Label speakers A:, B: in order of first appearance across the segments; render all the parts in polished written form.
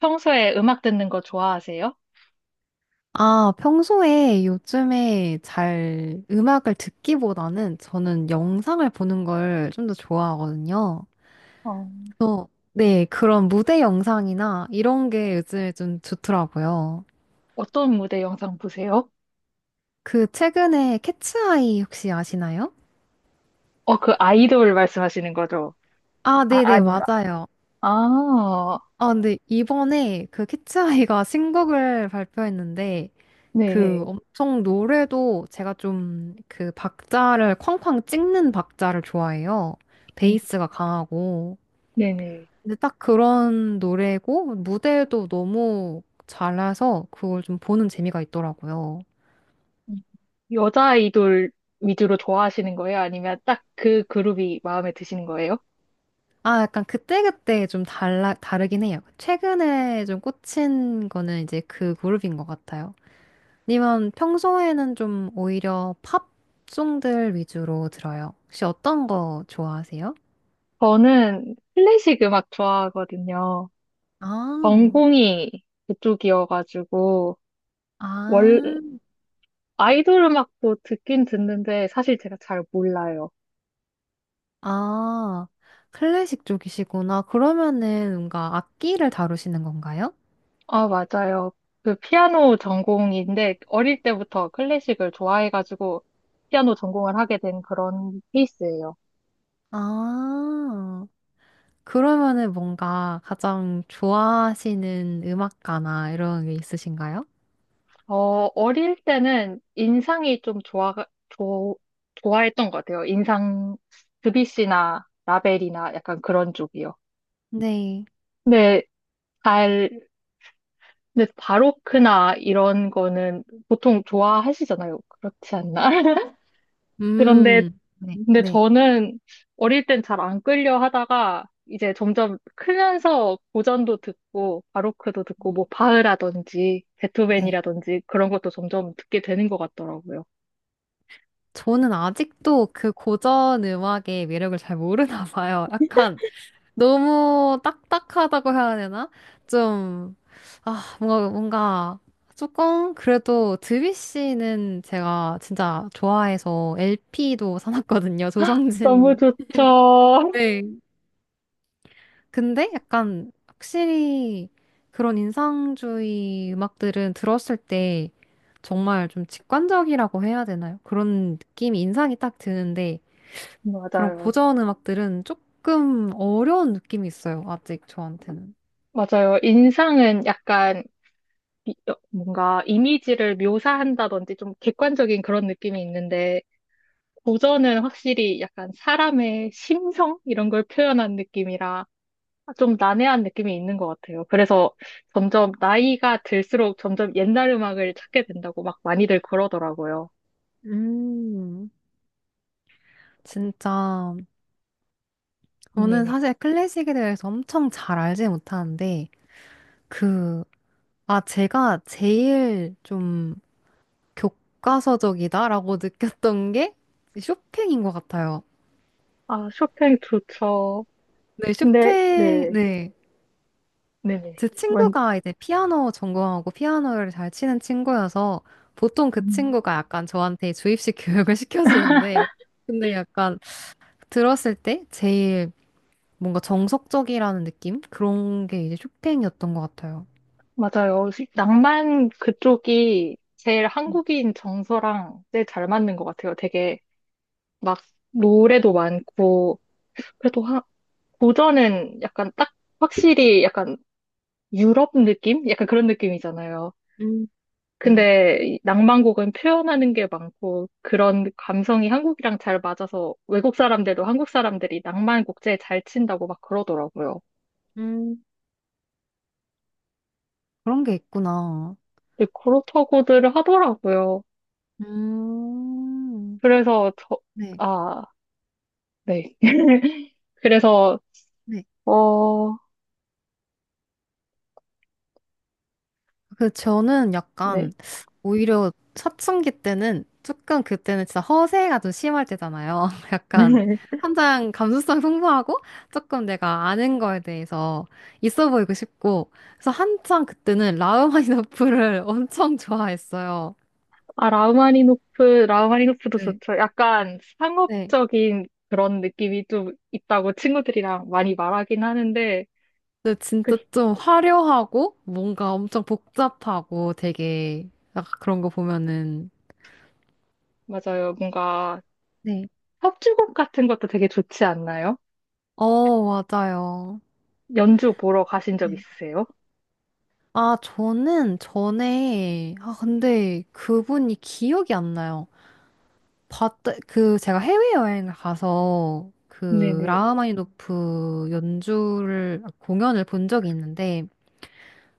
A: 평소에 음악 듣는 거 좋아하세요?
B: 아, 평소에 요즘에 잘 음악을 듣기보다는 저는 영상을 보는 걸 좀 더 좋아하거든요.
A: 어,
B: 또, 네, 그런 무대 영상이나 이런 게 요즘에 좀 좋더라고요.
A: 어떤 무대 영상 보세요?
B: 그 최근에 캐츠아이 혹시 아시나요?
A: 어, 그 아이돌 말씀하시는 거죠?
B: 아,
A: 아,
B: 네네,
A: 아닌가?
B: 맞아요.
A: 아,
B: 아, 근데 이번에 그 캐츠아이가 신곡을 발표했는데 그
A: 네네.
B: 엄청 노래도 제가 좀 그 박자를 쾅쾅 찍는 박자를 좋아해요.
A: 음,
B: 베이스가 강하고.
A: 네네.
B: 근데 딱 그런 노래고 무대도 너무 잘라서 그걸 좀 보는 재미가 있더라고요.
A: 음, 여자 아이돌 위주로 좋아하시는 거예요? 아니면 딱 그 그룹이 마음에 드시는 거예요?
B: 아, 약간 그때그때 좀 다르긴 해요. 최근에 좀 꽂힌 거는 이제 그 그룹인 것 같아요. 아니면 평소에는 좀 오히려 팝송들 위주로 들어요. 혹시 어떤 거 좋아하세요?
A: 저는 클래식 음악 좋아하거든요.
B: 아.
A: 전공이 그쪽이어가지고, 원
B: 아,
A: 아이돌 음악도 듣긴 듣는데 사실 제가 잘 몰라요.
B: 아, 클래식 쪽이시구나. 그러면은 뭔가 악기를 다루시는 건가요?
A: 아, 맞아요. 그 피아노 전공인데 어릴 때부터 클래식을 좋아해가지고 피아노 전공을 하게 된 그런 케이스예요.
B: 아, 그러면은 뭔가 가장 좋아하시는 음악가나 이런 게 있으신가요?
A: 어, 어릴 때는 인상이 좀 좋 좋아했던 것 같아요. 인상, 드뷔시나 라벨이나 약간 그런 쪽이요.
B: 네.
A: 근데 잘, 근데 바로크나 이런 거는 보통 좋아하시잖아요. 그렇지 않나? 그런데,
B: 네,
A: 근데
B: 네,
A: 저는 어릴 땐 잘 안 끌려 하다가 이제 점점 크면서 고전도 듣고 바로크도 듣고 뭐 바흐라든지
B: 네.
A: 베토벤이라든지 그런 것도 점점 듣게 되는 것 같더라고요.
B: 저는 아직도 그 고전 음악의 매력을 잘 모르나 봐요. 약간 너무 딱딱하다고 해야 되나? 좀, 아, 조금, 그래도 드뷔시는 제가 진짜 좋아해서 LP도 사놨거든요.
A: 너무
B: 조성진.
A: 좋죠.
B: 네. 근데 약간, 확실히, 그런 인상주의 음악들은 들었을 때, 정말 좀 직관적이라고 해야 되나요? 그런 느낌이, 인상이 딱 드는데, 그런
A: 맞아요.
B: 고전 음악들은 조금 어려운 느낌이 있어요. 아직 저한테는.
A: 맞아요. 인상은 약간 어, 뭔가 이미지를 묘사한다든지 좀 객관적인 그런 느낌이 있는데 고전은 확실히 약간 사람의 심성 이런 걸 표현한 느낌이라 좀 난해한 느낌이 있는 것 같아요. 그래서 점점 나이가 들수록 점점 옛날 음악을 찾게 된다고 막 많이들 그러더라고요.
B: 음, 진짜, 저는
A: 네네.
B: 사실 클래식에 대해서 엄청 잘 알지 못하는데, 그, 아, 제가 제일 좀 교과서적이다라고 느꼈던 게 쇼팽인 것 같아요.
A: 아, 쇼팽 좋죠.
B: 네,
A: 근데,
B: 쇼팽,
A: 네,
B: 네.
A: 네네.
B: 제
A: 완
B: 친구가 이제 피아노 전공하고 피아노를 잘 치는 친구여서, 보통 그
A: 음,
B: 친구가 약간 저한테 주입식 교육을 시켜주는데, 근데 약간 들었을 때 제일 뭔가 정석적이라는 느낌? 그런 게 이제 쇼팽이었던 것 같아요.
A: 맞아요. 낭만 그쪽이 제일
B: 네.
A: 한국인 정서랑 제일 잘 맞는 것 같아요. 되게 막 노래도 많고, 그래도 하, 고전은 약간 딱 확실히 약간 유럽 느낌? 약간 그런 느낌이잖아요.
B: 음, 네.
A: 근데 이 낭만곡은 표현하는 게 많고 그런 감성이 한국이랑 잘 맞아서 외국 사람들도 한국 사람들이 낭만 곡제에 잘 친다고 막 그러더라고요.
B: 음, 그런 게 있구나.
A: 근데 그렇다고들 하더라고요.
B: 음.
A: 그래서 저,
B: 네,
A: 아, 네. 그래서,
B: 네.
A: 어,
B: 그 저는
A: 네.
B: 약간 오히려 사춘기 때는 조금 그때는 진짜 허세가 좀 심할 때잖아요. 약간 한창 감수성 풍부하고 조금 내가 아는 거에 대해서 있어 보이고 싶고 그래서 한창 그때는 라흐마니노프를 엄청 좋아했어요.
A: 아, 라흐마니노프, 라흐마니노프도
B: 네.
A: 좋죠. 약간
B: 네.
A: 상업적인 그런 느낌이 좀 있다고 친구들이랑 많이 말하긴 하는데,
B: 근데
A: 그,
B: 진짜 좀 화려하고 뭔가 엄청 복잡하고 되게 약간 그런 거 보면은
A: 맞아요. 뭔가
B: 네.
A: 협주곡 같은 것도 되게 좋지 않나요?
B: 어, 맞아요.
A: 연주 보러 가신 적
B: 네.
A: 있으세요?
B: 아, 저는 전에 아 근데 그분이 기억이 안 나요. 봤다 그 제가 해외 여행을 가서 그
A: 네네.
B: 라흐마니노프 연주를 공연을 본 적이 있는데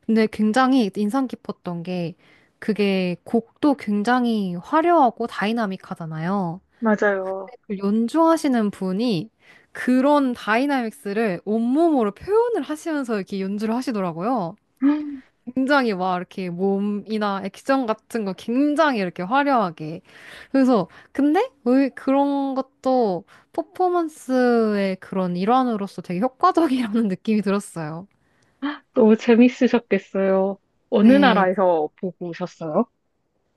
B: 근데 굉장히 인상 깊었던 게 그게 곡도 굉장히 화려하고 다이나믹하잖아요.
A: 맞아요.
B: 그 연주하시는 분이 그런 다이나믹스를 온몸으로 표현을 하시면서 이렇게 연주를 하시더라고요. 굉장히 막 이렇게 몸이나 액션 같은 거 굉장히 이렇게 화려하게. 그래서, 근데 왜 그런 것도 퍼포먼스의 그런 일환으로서 되게 효과적이라는 느낌이 들었어요.
A: 너무 재밌으셨겠어요. 어느
B: 네,
A: 나라에서 보고 오셨어요?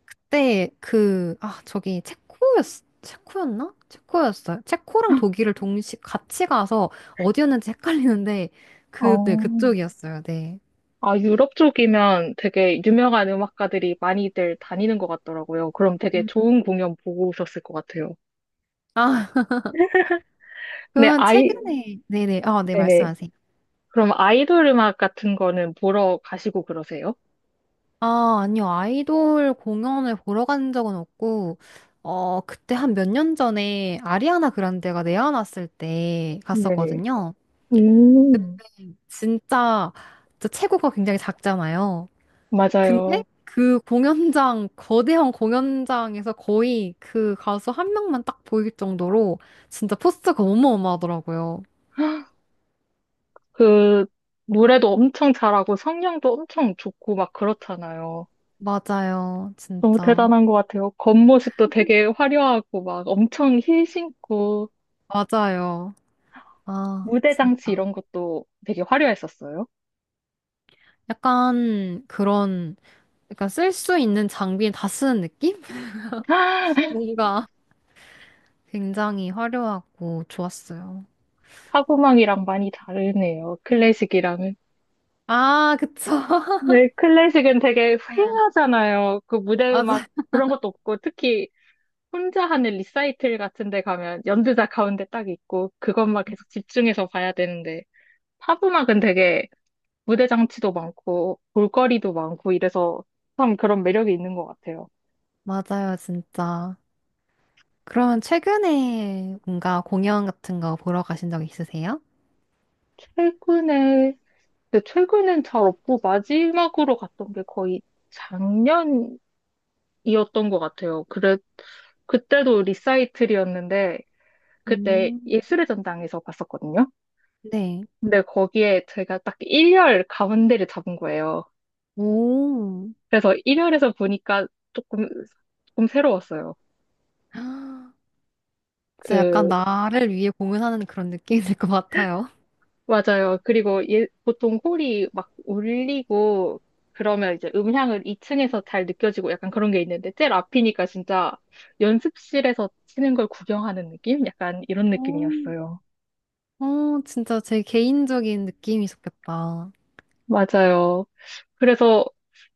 B: 그때 그, 아, 저기 체코였나? 체코였어요. 체코랑 독일을 동시 같이 가서 어디였는지 헷갈리는데 그, 네,
A: 어,
B: 그쪽이었어요. 네.
A: 아, 유럽 쪽이면 되게 유명한 음악가들이 많이들 다니는 것 같더라고요. 그럼 되게
B: 음.
A: 좋은 공연 보고 오셨을 것 같아요.
B: 아,
A: 네,
B: 그러면
A: 아이,
B: 최근에, 네네, 아, 네,
A: 네네.
B: 말씀하세요.
A: 그럼 아이돌 음악 같은 거는 보러 가시고 그러세요?
B: 아, 아니요. 아이돌 공연을 보러 간 적은 없고, 어, 그때 한 몇 년 전에 아리아나 그란데가 내한왔을 때
A: 네네.
B: 갔었거든요.
A: 음,
B: 진짜, 진짜 체구가 굉장히 작잖아요. 근데
A: 맞아요.
B: 그 공연장, 거대한 공연장에서 거의 그 가수 한 명만 딱 보일 정도로 진짜 포스가 어마어마하더라고요.
A: 그, 노래도 엄청 잘하고 성량도 엄청 좋고 막 그렇잖아요.
B: 맞아요.
A: 너무
B: 진짜.
A: 대단한 것 같아요. 겉모습도 되게 화려하고 막 엄청 힐 신고
B: 맞아요. 아,
A: 무대
B: 진짜.
A: 장치 이런 것도 되게 화려했었어요.
B: 약간 그런, 약간 쓸 수 있는 장비에 다 쓰는 느낌? 뭔가 굉장히 화려하고 좋았어요.
A: 타고망이랑 많이 다르네요. 클래식이랑은.
B: 아, 그쵸.
A: 네, 클래식은 되게
B: 네.
A: 휑하잖아요. 그 무대 음악
B: 맞아.
A: 그런 것도 없고 특히 혼자 하는 리사이틀 같은 데 가면 연주자 가운데 딱 있고 그것만 계속 집중해서 봐야 되는데 팝 음악은 되게 무대 장치도 많고 볼거리도 많고 이래서 참 그런 매력이 있는 것 같아요.
B: 맞아요, 진짜. 그러면 최근에 뭔가 공연 같은 거 보러 가신 적 있으세요?
A: 최근에, 근데 최근엔 잘 없고 마지막으로 갔던 게 거의 작년이었던 것 같아요. 그래, 그때도 리사이틀이었는데 그때
B: 음,
A: 예술의 전당에서 봤었거든요.
B: 네.
A: 근데 거기에 제가 딱 1열 가운데를 잡은 거예요.
B: 오.
A: 그래서 1열에서 보니까 조금, 조금 새로웠어요.
B: 진짜 약간
A: 그
B: 나를 위해 공연하는 그런 느낌일 것 같아요.
A: 맞아요. 그리고 예, 보통 홀이 막 울리고 그러면 이제 음향을 2층에서 잘 느껴지고 약간 그런 게 있는데 제일 앞이니까 진짜 연습실에서 치는 걸 구경하는 느낌? 약간 이런
B: 어,
A: 느낌이었어요.
B: 어, 진짜 제 개인적인 느낌이 좋겠다.
A: 맞아요. 그래서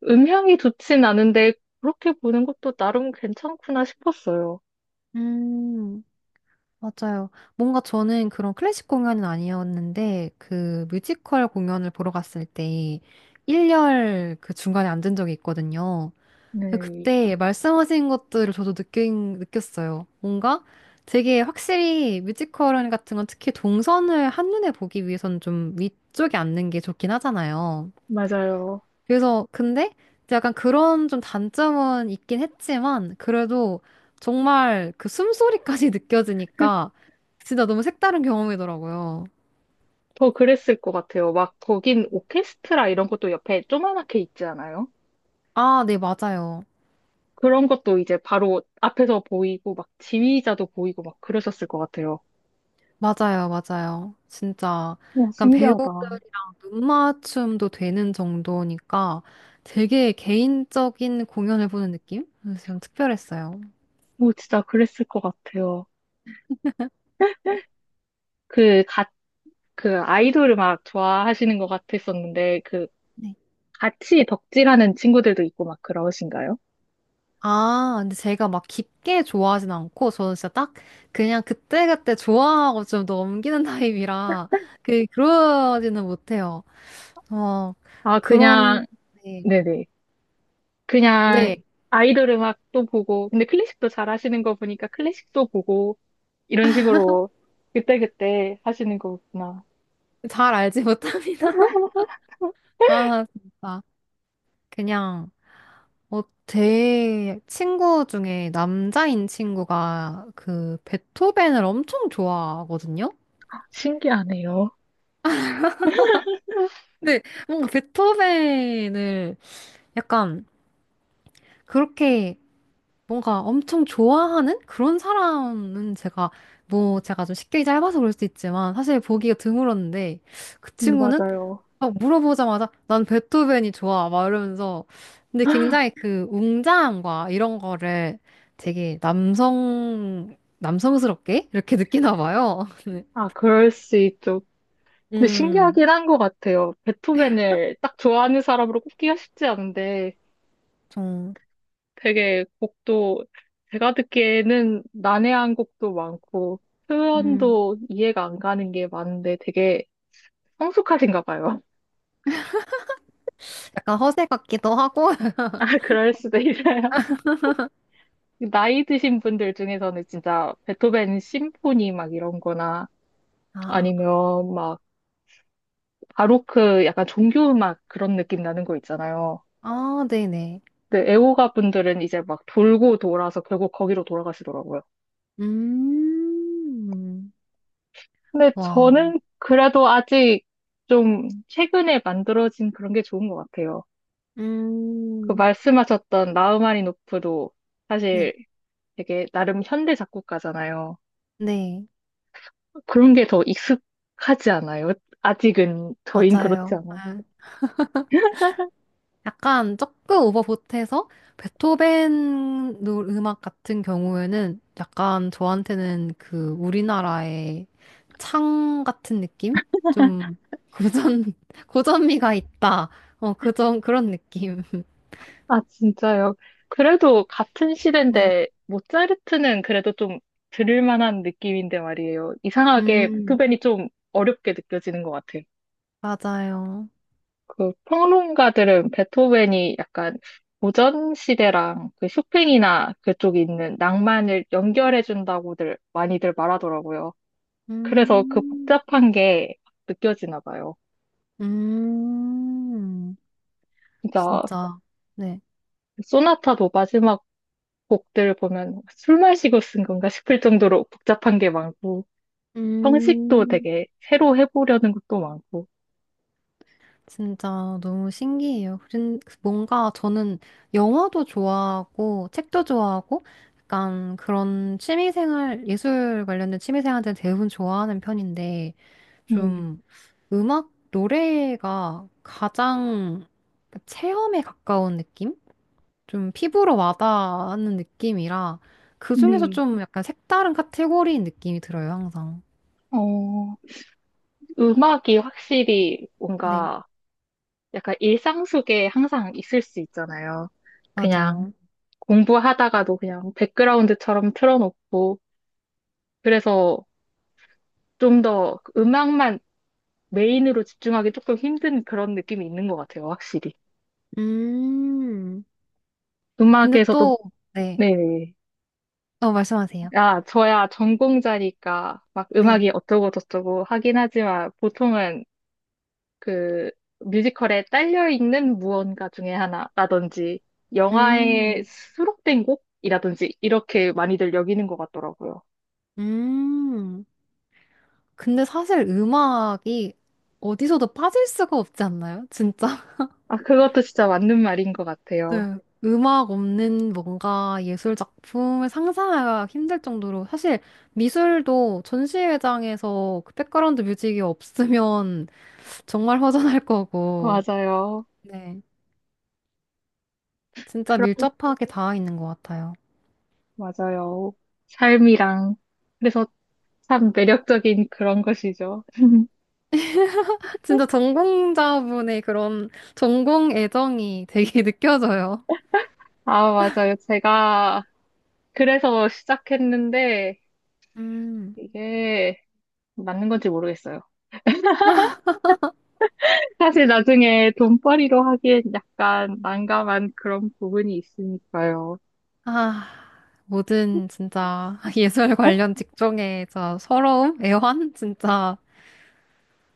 A: 음향이 좋진 않은데 그렇게 보는 것도 나름 괜찮구나 싶었어요.
B: 음, 맞아요. 뭔가 저는 그런 클래식 공연은 아니었는데, 그 뮤지컬 공연을 보러 갔을 때, 일렬 그 중간에 앉은 적이 있거든요.
A: 네,
B: 그때 말씀하신 것들을 저도 느꼈어요. 뭔가 되게 확실히 뮤지컬 같은 건 특히 동선을 한눈에 보기 위해선 좀 위쪽에 앉는 게 좋긴 하잖아요.
A: 맞아요.
B: 그래서 근데 이제 약간 그런 좀 단점은 있긴 했지만 그래도 정말 그 숨소리까지 느껴지니까 진짜 너무 색다른 경험이더라고요.
A: 더 그랬을 것 같아요. 막 거긴 오케스트라 이런 것도 옆에 조그맣게 있지 않아요?
B: 아, 네, 맞아요.
A: 그런 것도 이제 바로 앞에서 보이고 막 지휘자도 보이고 막 그러셨을 것 같아요.
B: 맞아요, 맞아요. 진짜.
A: 와,
B: 약간
A: 신기하다.
B: 배우들이랑 눈맞춤도 되는 정도니까 되게 개인적인 공연을 보는 느낌? 그래서 좀 특별했어요.
A: 오, 진짜 그랬을 것 같아요. 그, 가, 그 아이돌을 막 좋아하시는 것 같았었는데, 그,
B: 네.
A: 같이 덕질하는 친구들도 있고 막 그러신가요?
B: 아, 근데 제가 막 깊게 좋아하진 않고, 저는 진짜 딱 그냥 그때그때 좋아하고 좀 넘기는 타입이라, 그러지는 못해요. 어,
A: 아,
B: 그런,
A: 그냥,
B: 네.
A: 네네.
B: 네.
A: 그냥 아이돌 음악도 보고, 근데 클래식도 잘 하시는 거 보니까 클래식도 보고, 이런 식으로 그때그때 하시는 거구나.
B: 잘 알지
A: 어?
B: 못합니다. 아, 진짜. 그냥. 어, 제 친구 중에 남자인 친구가 그 베토벤을 엄청 좋아하거든요?
A: 신기하네요.
B: 근데 뭔가 베토벤을 약간 그렇게 뭔가 엄청 좋아하는 그런 사람은 제가 뭐 제가 좀 식견이 짧아서 그럴 수도 있지만 사실 보기가 드물었는데 그 친구는
A: 맞아요.
B: 막 물어보자마자 난 베토벤이 좋아 막 이러면서 근데 굉장히 그 웅장함과 이런 거를 되게 남성스럽게 이렇게 느끼나 봐요. 네.
A: 아, 그럴 수 있죠. 근데
B: 음,
A: 신기하긴 한 것 같아요. 베토벤을 딱 좋아하는 사람으로 꼽기가 쉽지 않은데
B: 좀
A: 되게 곡도 제가 듣기에는 난해한 곡도 많고
B: 음,
A: 표현도 이해가 안 가는 게 많은데 되게 성숙하신가 봐요.
B: 약간 허세 같기도 하고
A: 아, 그럴 수도 있어요. 나이 드신 분들 중에서는 진짜 베토벤 심포니 막 이런 거나
B: 아,
A: 아니면 막 바로크 약간 종교음악 그런 느낌 나는 거 있잖아요.
B: 아, 네네.
A: 네, 애호가 분들은 이제 막 돌고 돌아서 결국 거기로 돌아가시더라고요.
B: 음,
A: 근데
B: 와.
A: 저는 그래도 아직 좀 최근에 만들어진 그런 게 좋은 것 같아요. 그
B: 음,
A: 말씀하셨던 라흐마니노프도
B: 네.
A: 사실 되게 나름 현대 작곡가잖아요.
B: 네,
A: 그런 게 더 익숙하지 않아요? 아직은 저희는 그렇지
B: 맞아요.
A: 않아요.
B: 아, 약간 조금 오버보트해서 음악 같은 경우에는 약간 저한테는 그 우리나라의 창 같은 느낌? 좀 고전, 고전미가 있다. 어, 그 좀 그런 느낌.
A: 아, 진짜요? 그래도 같은
B: 네.
A: 시대인데 모차르트는 그래도 좀 들을 만한 느낌인데 말이에요. 이상하게
B: 음,
A: 베토벤이 좀 어렵게 느껴지는 것 같아요.
B: 맞아요.
A: 그 평론가들은 베토벤이 약간 고전 시대랑 그 쇼팽이나 그쪽에 있는 낭만을 연결해 준다고들 많이들 말하더라고요. 그래서 그
B: 음,
A: 복잡한 게 느껴지나 봐요.
B: 음,
A: 진짜
B: 진짜. 네.
A: 소나타도 마지막 곡들 보면 술 마시고 쓴 건가 싶을 정도로 복잡한 게 많고 형식도
B: 음.
A: 되게 새로 해보려는 것도 많고.
B: 진짜 너무 신기해요. 그런- 뭔가 저는 영화도 좋아하고 책도 좋아하고 약간 그런 취미생활, 예술 관련된 취미생활들은 대부분 좋아하는 편인데
A: 네,
B: 좀 음악, 노래가 가장 체험에 가까운 느낌? 좀 피부로 와닿는 느낌이라 그중에서
A: 네.
B: 좀 약간 색다른 카테고리인 느낌이 들어요, 항상.
A: 어, 음악이 확실히
B: 네,
A: 뭔가 약간 일상 속에 항상 있을 수 있잖아요. 그냥
B: 맞아요.
A: 공부하다가도 그냥 백그라운드처럼 틀어놓고, 그래서 좀 더 음악만 메인으로 집중하기 조금 힘든 그런 느낌이 있는 것 같아요, 확실히.
B: 음, 근데
A: 음악에서도,
B: 또, 네.
A: 네.
B: 어, 말씀하세요.
A: 아, 저야 전공자니까 막
B: 네.
A: 음악이 어쩌고 저쩌고 하긴 하지만 보통은 그 뮤지컬에 딸려 있는 무언가 중에 하나라든지 영화에
B: 음,
A: 수록된 곡이라든지 이렇게 많이들 여기는 것 같더라고요.
B: 음. 근데 사실 음악이 어디서도 빠질 수가 없지 않나요? 진짜.
A: 아, 그것도 진짜 맞는 말인 것 같아요.
B: 네. 음악 없는 뭔가 예술 작품을 상상하기가 힘들 정도로 사실 미술도 전시회장에서 그 백그라운드 뮤직이 없으면 정말 허전할 거고.
A: 맞아요.
B: 네. 진짜
A: 그
B: 밀접하게 닿아 있는 것 같아요.
A: 맞아요. 삶이랑. 그래서 참 매력적인 그런 것이죠.
B: 진짜 전공자분의 그런 전공 애정이 되게 느껴져요.
A: 아, 맞아요. 제가 그래서 시작했는데
B: 음.
A: 이게 맞는 건지 모르겠어요. 사실 나중에 돈벌이로 하기엔 약간 난감한 그런 부분이 있으니까요.
B: 아, 모든 진짜 예술 관련 직종의 진 서러움, 애환, 진짜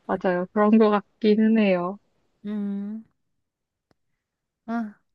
A: 맞아요. 그런 것 같기는 해요.
B: 음, 아.